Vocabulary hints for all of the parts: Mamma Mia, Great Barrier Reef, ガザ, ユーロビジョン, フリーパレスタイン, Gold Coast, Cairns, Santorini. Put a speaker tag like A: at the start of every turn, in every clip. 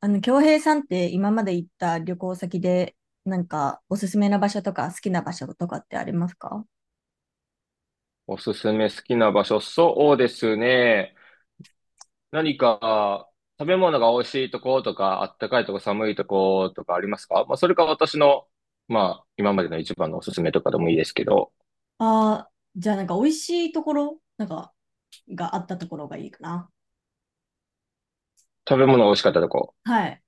A: 京平さんって今まで行った旅行先で、なんかおすすめな場所とか好きな場所とかってありますか？
B: おすすめ好きな場所、そうですね。何か食べ物が美味しいとことか、あったかいとこ、寒いとことかありますか？まあ、それか私の、まあ、今までの一番のおすすめとかでもいいですけど、
A: ああー、じゃあなんか美味しいところ、なんかがあったところがいいかな。
B: 食べ物が美味しかったとこ。
A: はい。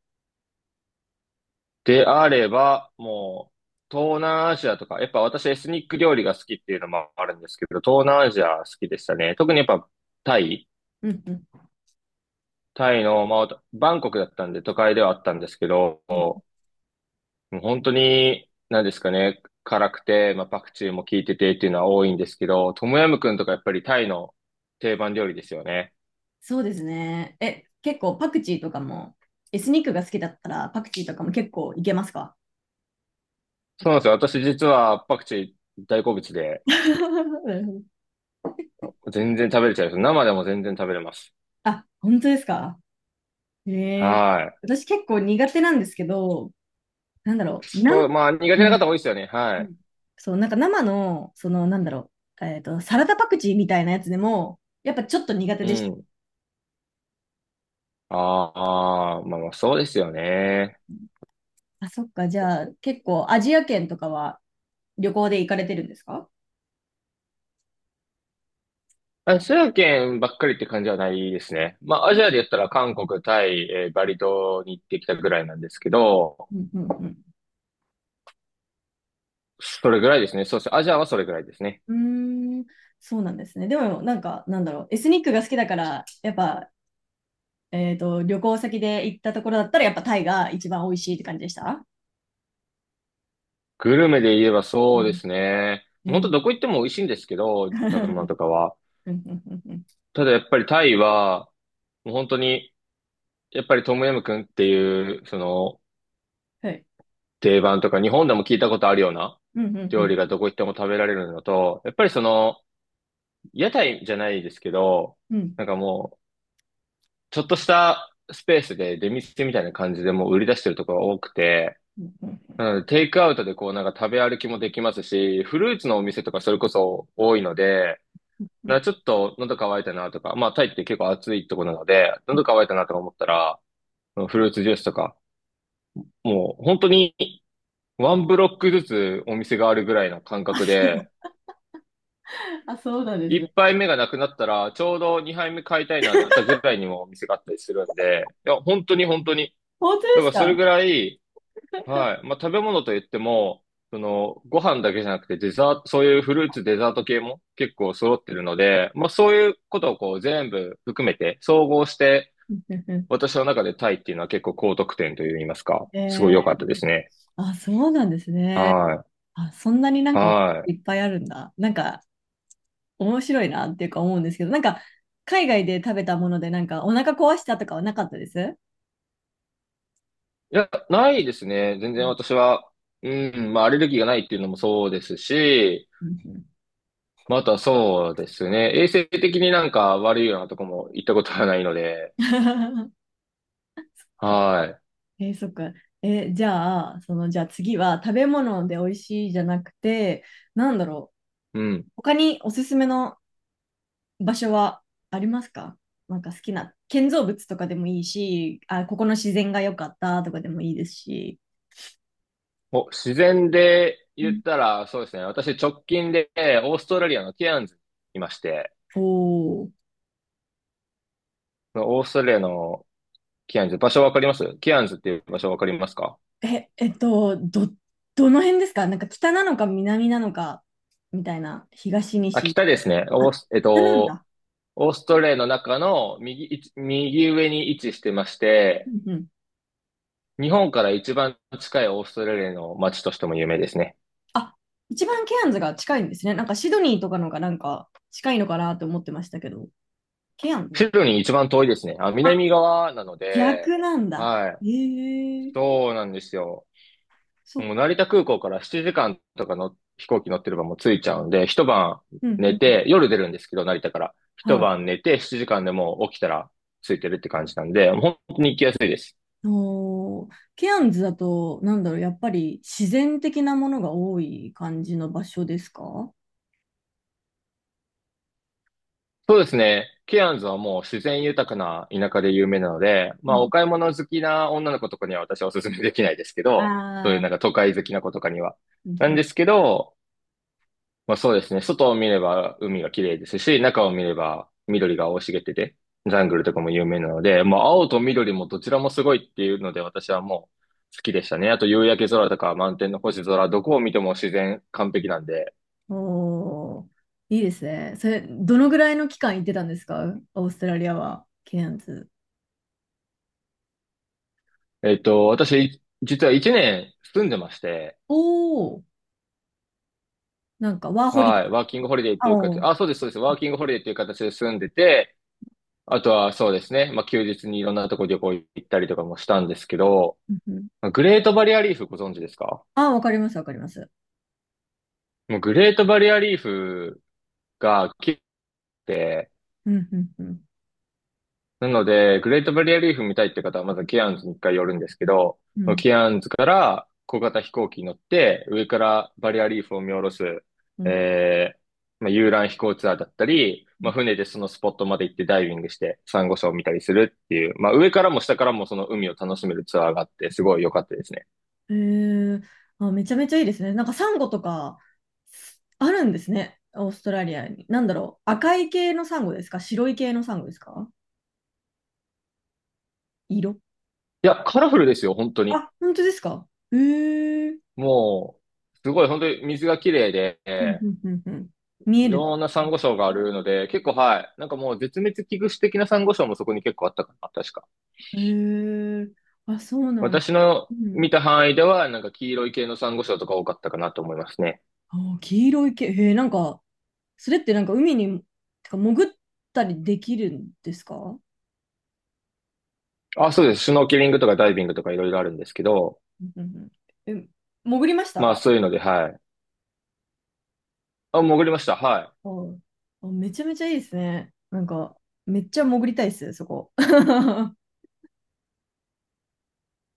B: であれば、もう、東南アジアとか、やっぱ私エスニック料理が好きっていうのもあるんですけど、東南アジア好きでしたね。特にやっぱタイ、
A: うんうん。
B: タイのまあ、バンコクだったんで都会ではあったんですけど、
A: うん。
B: もう本当に、何ですかね、辛くて、まあ、パクチーも効いててっていうのは多いんですけど、トムヤムクンとかやっぱりタイの定番料理ですよね。
A: そうですね。え、結構パクチーとかも、エスニックが好きだったらパクチーとかも結構いけますか？
B: そうなんですよ。私実はパクチー大好物で、
A: なるほど。
B: 全然食べれちゃいます。生でも全然食べれます。
A: あ、本当ですか？えー、
B: はい。
A: 私結構苦手なんですけど、なんだろう、う
B: そう、まあ苦手な
A: ん
B: 方多いですよね。は
A: う
B: い。
A: ん。そう、なんか生の、なんだろう、サラダパクチーみたいなやつでも、やっぱちょっと苦手
B: う
A: でした。
B: ん。ああ、まあまあそうですよね。
A: あ、そっか、じゃあ、結構アジア圏とかは旅行で行かれてるんですか？
B: アジア圏ばっかりって感じはないですね。まあアジアで言ったら韓国、タイ、バリ島に行ってきたぐらいなんですけど、
A: うんうん
B: それぐらいですね。そうですね。アジアはそれぐらいですね。
A: うん。うーん、そうなんですね。でも、なんか、なんだろう、エスニックが好きだから、やっぱ、旅行先で行ったところだったら、やっぱタイが一番美味しいって感じでした？
B: グルメで言えば
A: う
B: そうで
A: ん
B: すね。
A: う
B: 本当
A: ん。
B: どこ行っても美味しいんですけど、
A: う
B: 食べ物
A: ん
B: とかは。
A: うんうんうん。
B: ただやっぱりタイは、もう本当に、やっぱりトムヤムクンっていう、その、
A: はい。
B: 定番とか、日本でも聞いたことあるような
A: うんうんう
B: 料理が
A: ん
B: どこ行っても食べられるのと、やっぱりその、屋台じゃないですけど、
A: うん
B: なんかもう、ちょっとしたスペースで出店みたいな感じでもう売り出してるところが多くて、
A: うんうん
B: うん、テイクアウトでこうなんか食べ歩きもできますし、フルーツのお店とかそれこそ多いので、
A: う
B: な
A: ん。
B: んかちょっと喉乾いたなとか、まあタイって結構暑いところなので、喉乾いたなとか思ったら、うん、フルーツジュースとか、もう本当にワンブロックずつお店があるぐらいの感覚で、
A: あ、そうなんですね。
B: 一杯目がなくなったら、ちょうど二杯目買いたいなと思ったぐらいにもお店があったりするんで、いや、本当に本当に、
A: 本当で
B: だか
A: す
B: らそれぐ
A: か？
B: らい、はい。まあ、食べ物といっても、その、ご飯だけじゃなくてデザート、そういうフルーツ、デザート系も結構揃ってるので、まあ、そういうことをこう全部含めて、総合して、
A: うんうん。
B: 私の中でタイっていうのは結構高得点といいますか、
A: え
B: すごい良か
A: え、
B: ったですね。
A: あ、そうなんですね。
B: は
A: あ、そんなになん
B: い。
A: か
B: は
A: いっぱいあるんだ。なんか面白いなっていうか思うんですけど、なんか海外で食べたものでなんかお腹壊したとかはなかったです。
B: い。いや、ないですね。全然私は、うん、まあ、アレルギーがないっていうのもそうですし、
A: うんうん。
B: まあ、あとはそうですね。衛生的になんか悪いようなとこも行ったことはないので、は
A: えーそっか。じゃあ、次は食べ物で美味しいじゃなくて、なんだろう。
B: い。うん。
A: 他におすすめの場所はありますか？なんか好きな建造物とかでもいいし、あ、ここの自然が良かったとかでもいいですし。
B: お、自然で
A: う
B: 言っ
A: ん。
B: たら、そうですね。私、直近で、オーストラリアのケアンズにいまして、
A: おお。
B: そのオーストラリアのケアンズ、場所わかりますケアンズっていう場所わかりますか？
A: え、どの辺ですか？なんか北なのか南なのかみたいな、東
B: あ、
A: 西。
B: 北ですね。
A: あ、北なんだ。
B: オーストラリアの中の右いち、右上に位置してまし
A: う
B: て、
A: んうん。
B: 日本から一番近いオーストラリアの街としても有名ですね。
A: あ、一番ケアンズが近いんですね。なんかシドニーとかのがなんか近いのかなと思ってましたけど、ケアンズな。
B: シドニー一番遠いですね。あ、
A: あ、
B: 南側なので、
A: 逆なんだ。
B: はい。
A: ええ。
B: そうなんですよ。
A: そっ
B: もう
A: か。
B: 成田空港から7時間とかの飛行機乗ってればもう着いちゃうんで、一晩
A: うんう
B: 寝
A: ん。
B: て、夜出るんですけど、成田から。一
A: はい。
B: 晩寝て、7時間でもう起きたら着いてるって感じなんで、本当に行きやすいです。
A: おー、ケアンズだと、なんだろう、やっぱり自然的なものが多い感じの場所ですか？
B: そうですね。ケアンズはもう自然豊かな田舎で有名なので、
A: う
B: まあお
A: ん。
B: 買い物好きな女の子とかには私はお勧めできないですけ
A: あ
B: ど、そういうなん
A: あ。
B: か都会好きな子とかには。
A: うん
B: な
A: う
B: ん
A: ん。
B: ですけど、まあそうですね。外を見れば海が綺麗ですし、中を見れば緑が生い茂ってて、ジャングルとかも有名なので、まあ青と緑もどちらもすごいっていうので私はもう好きでしたね。あと夕焼け空とか満天の星空、どこを見ても自然完璧なんで。
A: おー、いいですね。それ、どのぐらいの期間行ってたんですか？オーストラリアは、ケアンズ。
B: 私、実は1年住んでまして、
A: おー、なんかワーホリと
B: はい、
A: か。
B: ワーキングホリデーって
A: あ
B: いう形、
A: おー、
B: あ、そうです、そうです、ワーキングホリデーっていう形で住んでて、あとはそうですね、まあ休日にいろんなとこ旅行行ったりとかもしたんですけど、
A: うんうん。
B: グレートバリアリーフご存知ですか？
A: あ、わかります、わかります。
B: もうグレートバリアリーフが来て、
A: うん、うん、うん、
B: なので、グレートバリアリーフ見たいって方は、まずケアンズに一回寄るんですけど、
A: う
B: その
A: ん、
B: ケアンズから小型飛行機に乗って、上からバリアリーフを見下ろす、
A: うん。
B: えまあ、遊覧飛行ツアーだったり、
A: うん。
B: まあ、船でそのスポットまで行ってダイビングして、サンゴ礁を見たりするっていう、まあ、上からも下からもその海を楽しめるツアーがあって、すごい良かったですね。
A: へー。あ、めちゃめちゃいいですね。なんかサンゴとか、あるんですね、オーストラリアに。なんだろう、赤い系のサンゴですか？白い系のサンゴですか？色。
B: いや、カラフルですよ、本当に。
A: あ、本当ですか？へえ。
B: もう、すごい、本当に水が綺麗で、
A: うんうんうんうん。見え
B: い
A: る。
B: ろんなサンゴ礁があるので、結構はい。なんかもう絶滅危惧種的なサンゴ礁もそこに結構あったかな、確か。
A: へえ、あ、そうなん、
B: 私の
A: う
B: 見
A: ん。
B: た範囲では、なんか黄色い系のサンゴ礁とか多かったかなと思いますね。
A: あ、黄色い毛、へえ、なんか、それってなんか海に、てか潜ったりできるんですか？う
B: あ、そうです。シュノーケリングとかダイビングとかいろいろあるんですけど、
A: んうんうん。え、潜りまし
B: まあ
A: た？
B: そういうので、はい。あ、潜りました。は
A: はい。あ、めちゃめちゃいいですね。なんか、めっちゃ潜りたいです、そこ。うん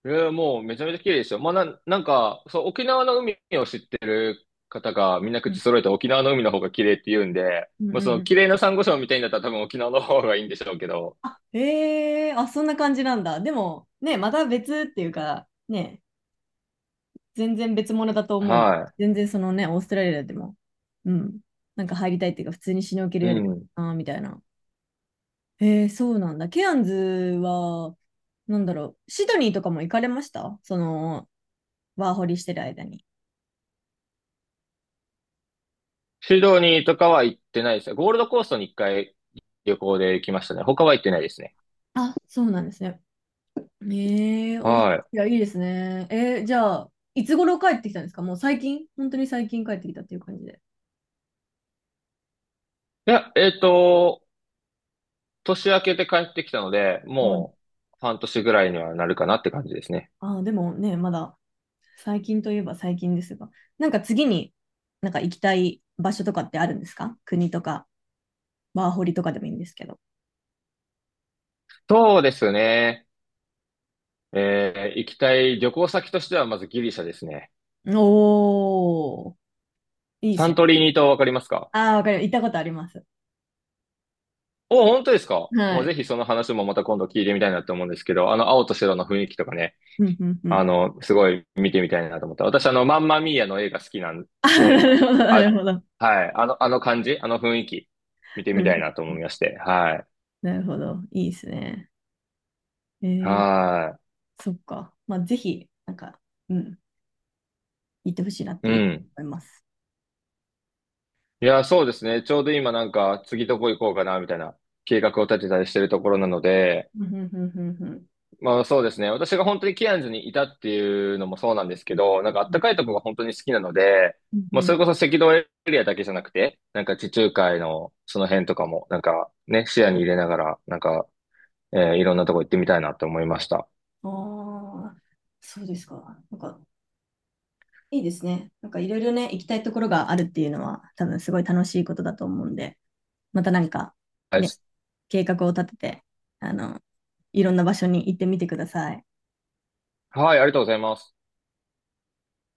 B: い。もうめちゃめちゃ綺麗ですよ。まあなんか、そう、沖縄の海を知ってる方がみんな口
A: う
B: 揃えて沖縄の海の方が綺麗って言うんで、
A: んうん
B: まあ
A: う
B: その
A: ん。
B: 綺麗なサンゴ礁みたいになったら多分沖縄の方がいいんでしょうけど、
A: あ、へえ、あ、そんな感じなんだ。でも、ね、また別っていうか、ね、全然別物だと思う。
B: は
A: 全然そのね、オーストラリアでも、うん、なんか入りたいっていうか、普通にシュノーケル
B: い。
A: や
B: う
A: りたい
B: ん。
A: な、みたいな。へえー、そうなんだ。ケアンズは、なんだろう、シドニーとかも行かれました？ワーホリしてる間に。
B: シドニーとかは行ってないですね。ゴールドコーストに一回旅行で行きましたね。他は行ってないですね。
A: あ、そうなんですね。ええ、ース。
B: はい。
A: いやいいですね。じゃあ、いつ頃帰ってきたんですか？もう最近、本当に最近帰ってきたっていう感じで。
B: いや、年明けて帰ってきたので、
A: あ。
B: もう半年ぐらいにはなるかなって感じですね。
A: ああ、でもね、まだ最近といえば最近ですが、なんか次になんか行きたい場所とかってあるんですか？国とか、ワーホリとかでもいいんですけど。
B: そうですね。行きたい旅行先としてはまずギリシャですね。
A: おー、いいで
B: サ
A: す
B: ン
A: ね。
B: トリーニ島わかりますか？
A: ああ、わかる。行ったことあります。
B: お、本当ですか？
A: は
B: もうぜ
A: い。
B: ひその話もまた今度聞いてみたいなと思うんですけど、あの青と白の雰囲気とかね。
A: うんうんうん。
B: あの、すごい見てみたいなと思った。私、あの、マンマミーアの映画好きなん
A: あー、な
B: で、あ、
A: るほど、なる
B: あ
A: ほど。
B: はい、あの、あの感じ、あの雰囲気、見て
A: う
B: みたい
A: ん、
B: なと思いまして。はい。
A: なるほど。いいですね。えー、
B: は
A: そっか。まあ、ぜひ、なんか、うん、行ってほしいなっ
B: い。
A: て
B: う
A: いう
B: ん。
A: 思います。
B: いや、そうですね。ちょうど今なんか、次どこ行こうかな、みたいな計画を立てたりしてるところなので、
A: うんうんうんうんうん。
B: まあそうですね。私が本当にケアンズにいたっていうのもそうなんですけど、なんかあったかいとこが本当に好きなので、
A: うん
B: まあ
A: う
B: そ
A: ん。
B: れこそ赤道エリアだけじゃなくて、なんか地中海のその辺とかも、なんかね、視野に入れながら、なんか、いろんなとこ行ってみたいなと思いました。
A: ああ、そうですか。なんか、いいですね。なんかいろいろね、行きたいところがあるっていうのは、多分すごい楽しいことだと思うんで、またなんか
B: はい、
A: ね、計画を立てて、あの、いろんな場所に行ってみてください。
B: はいありがとうございます。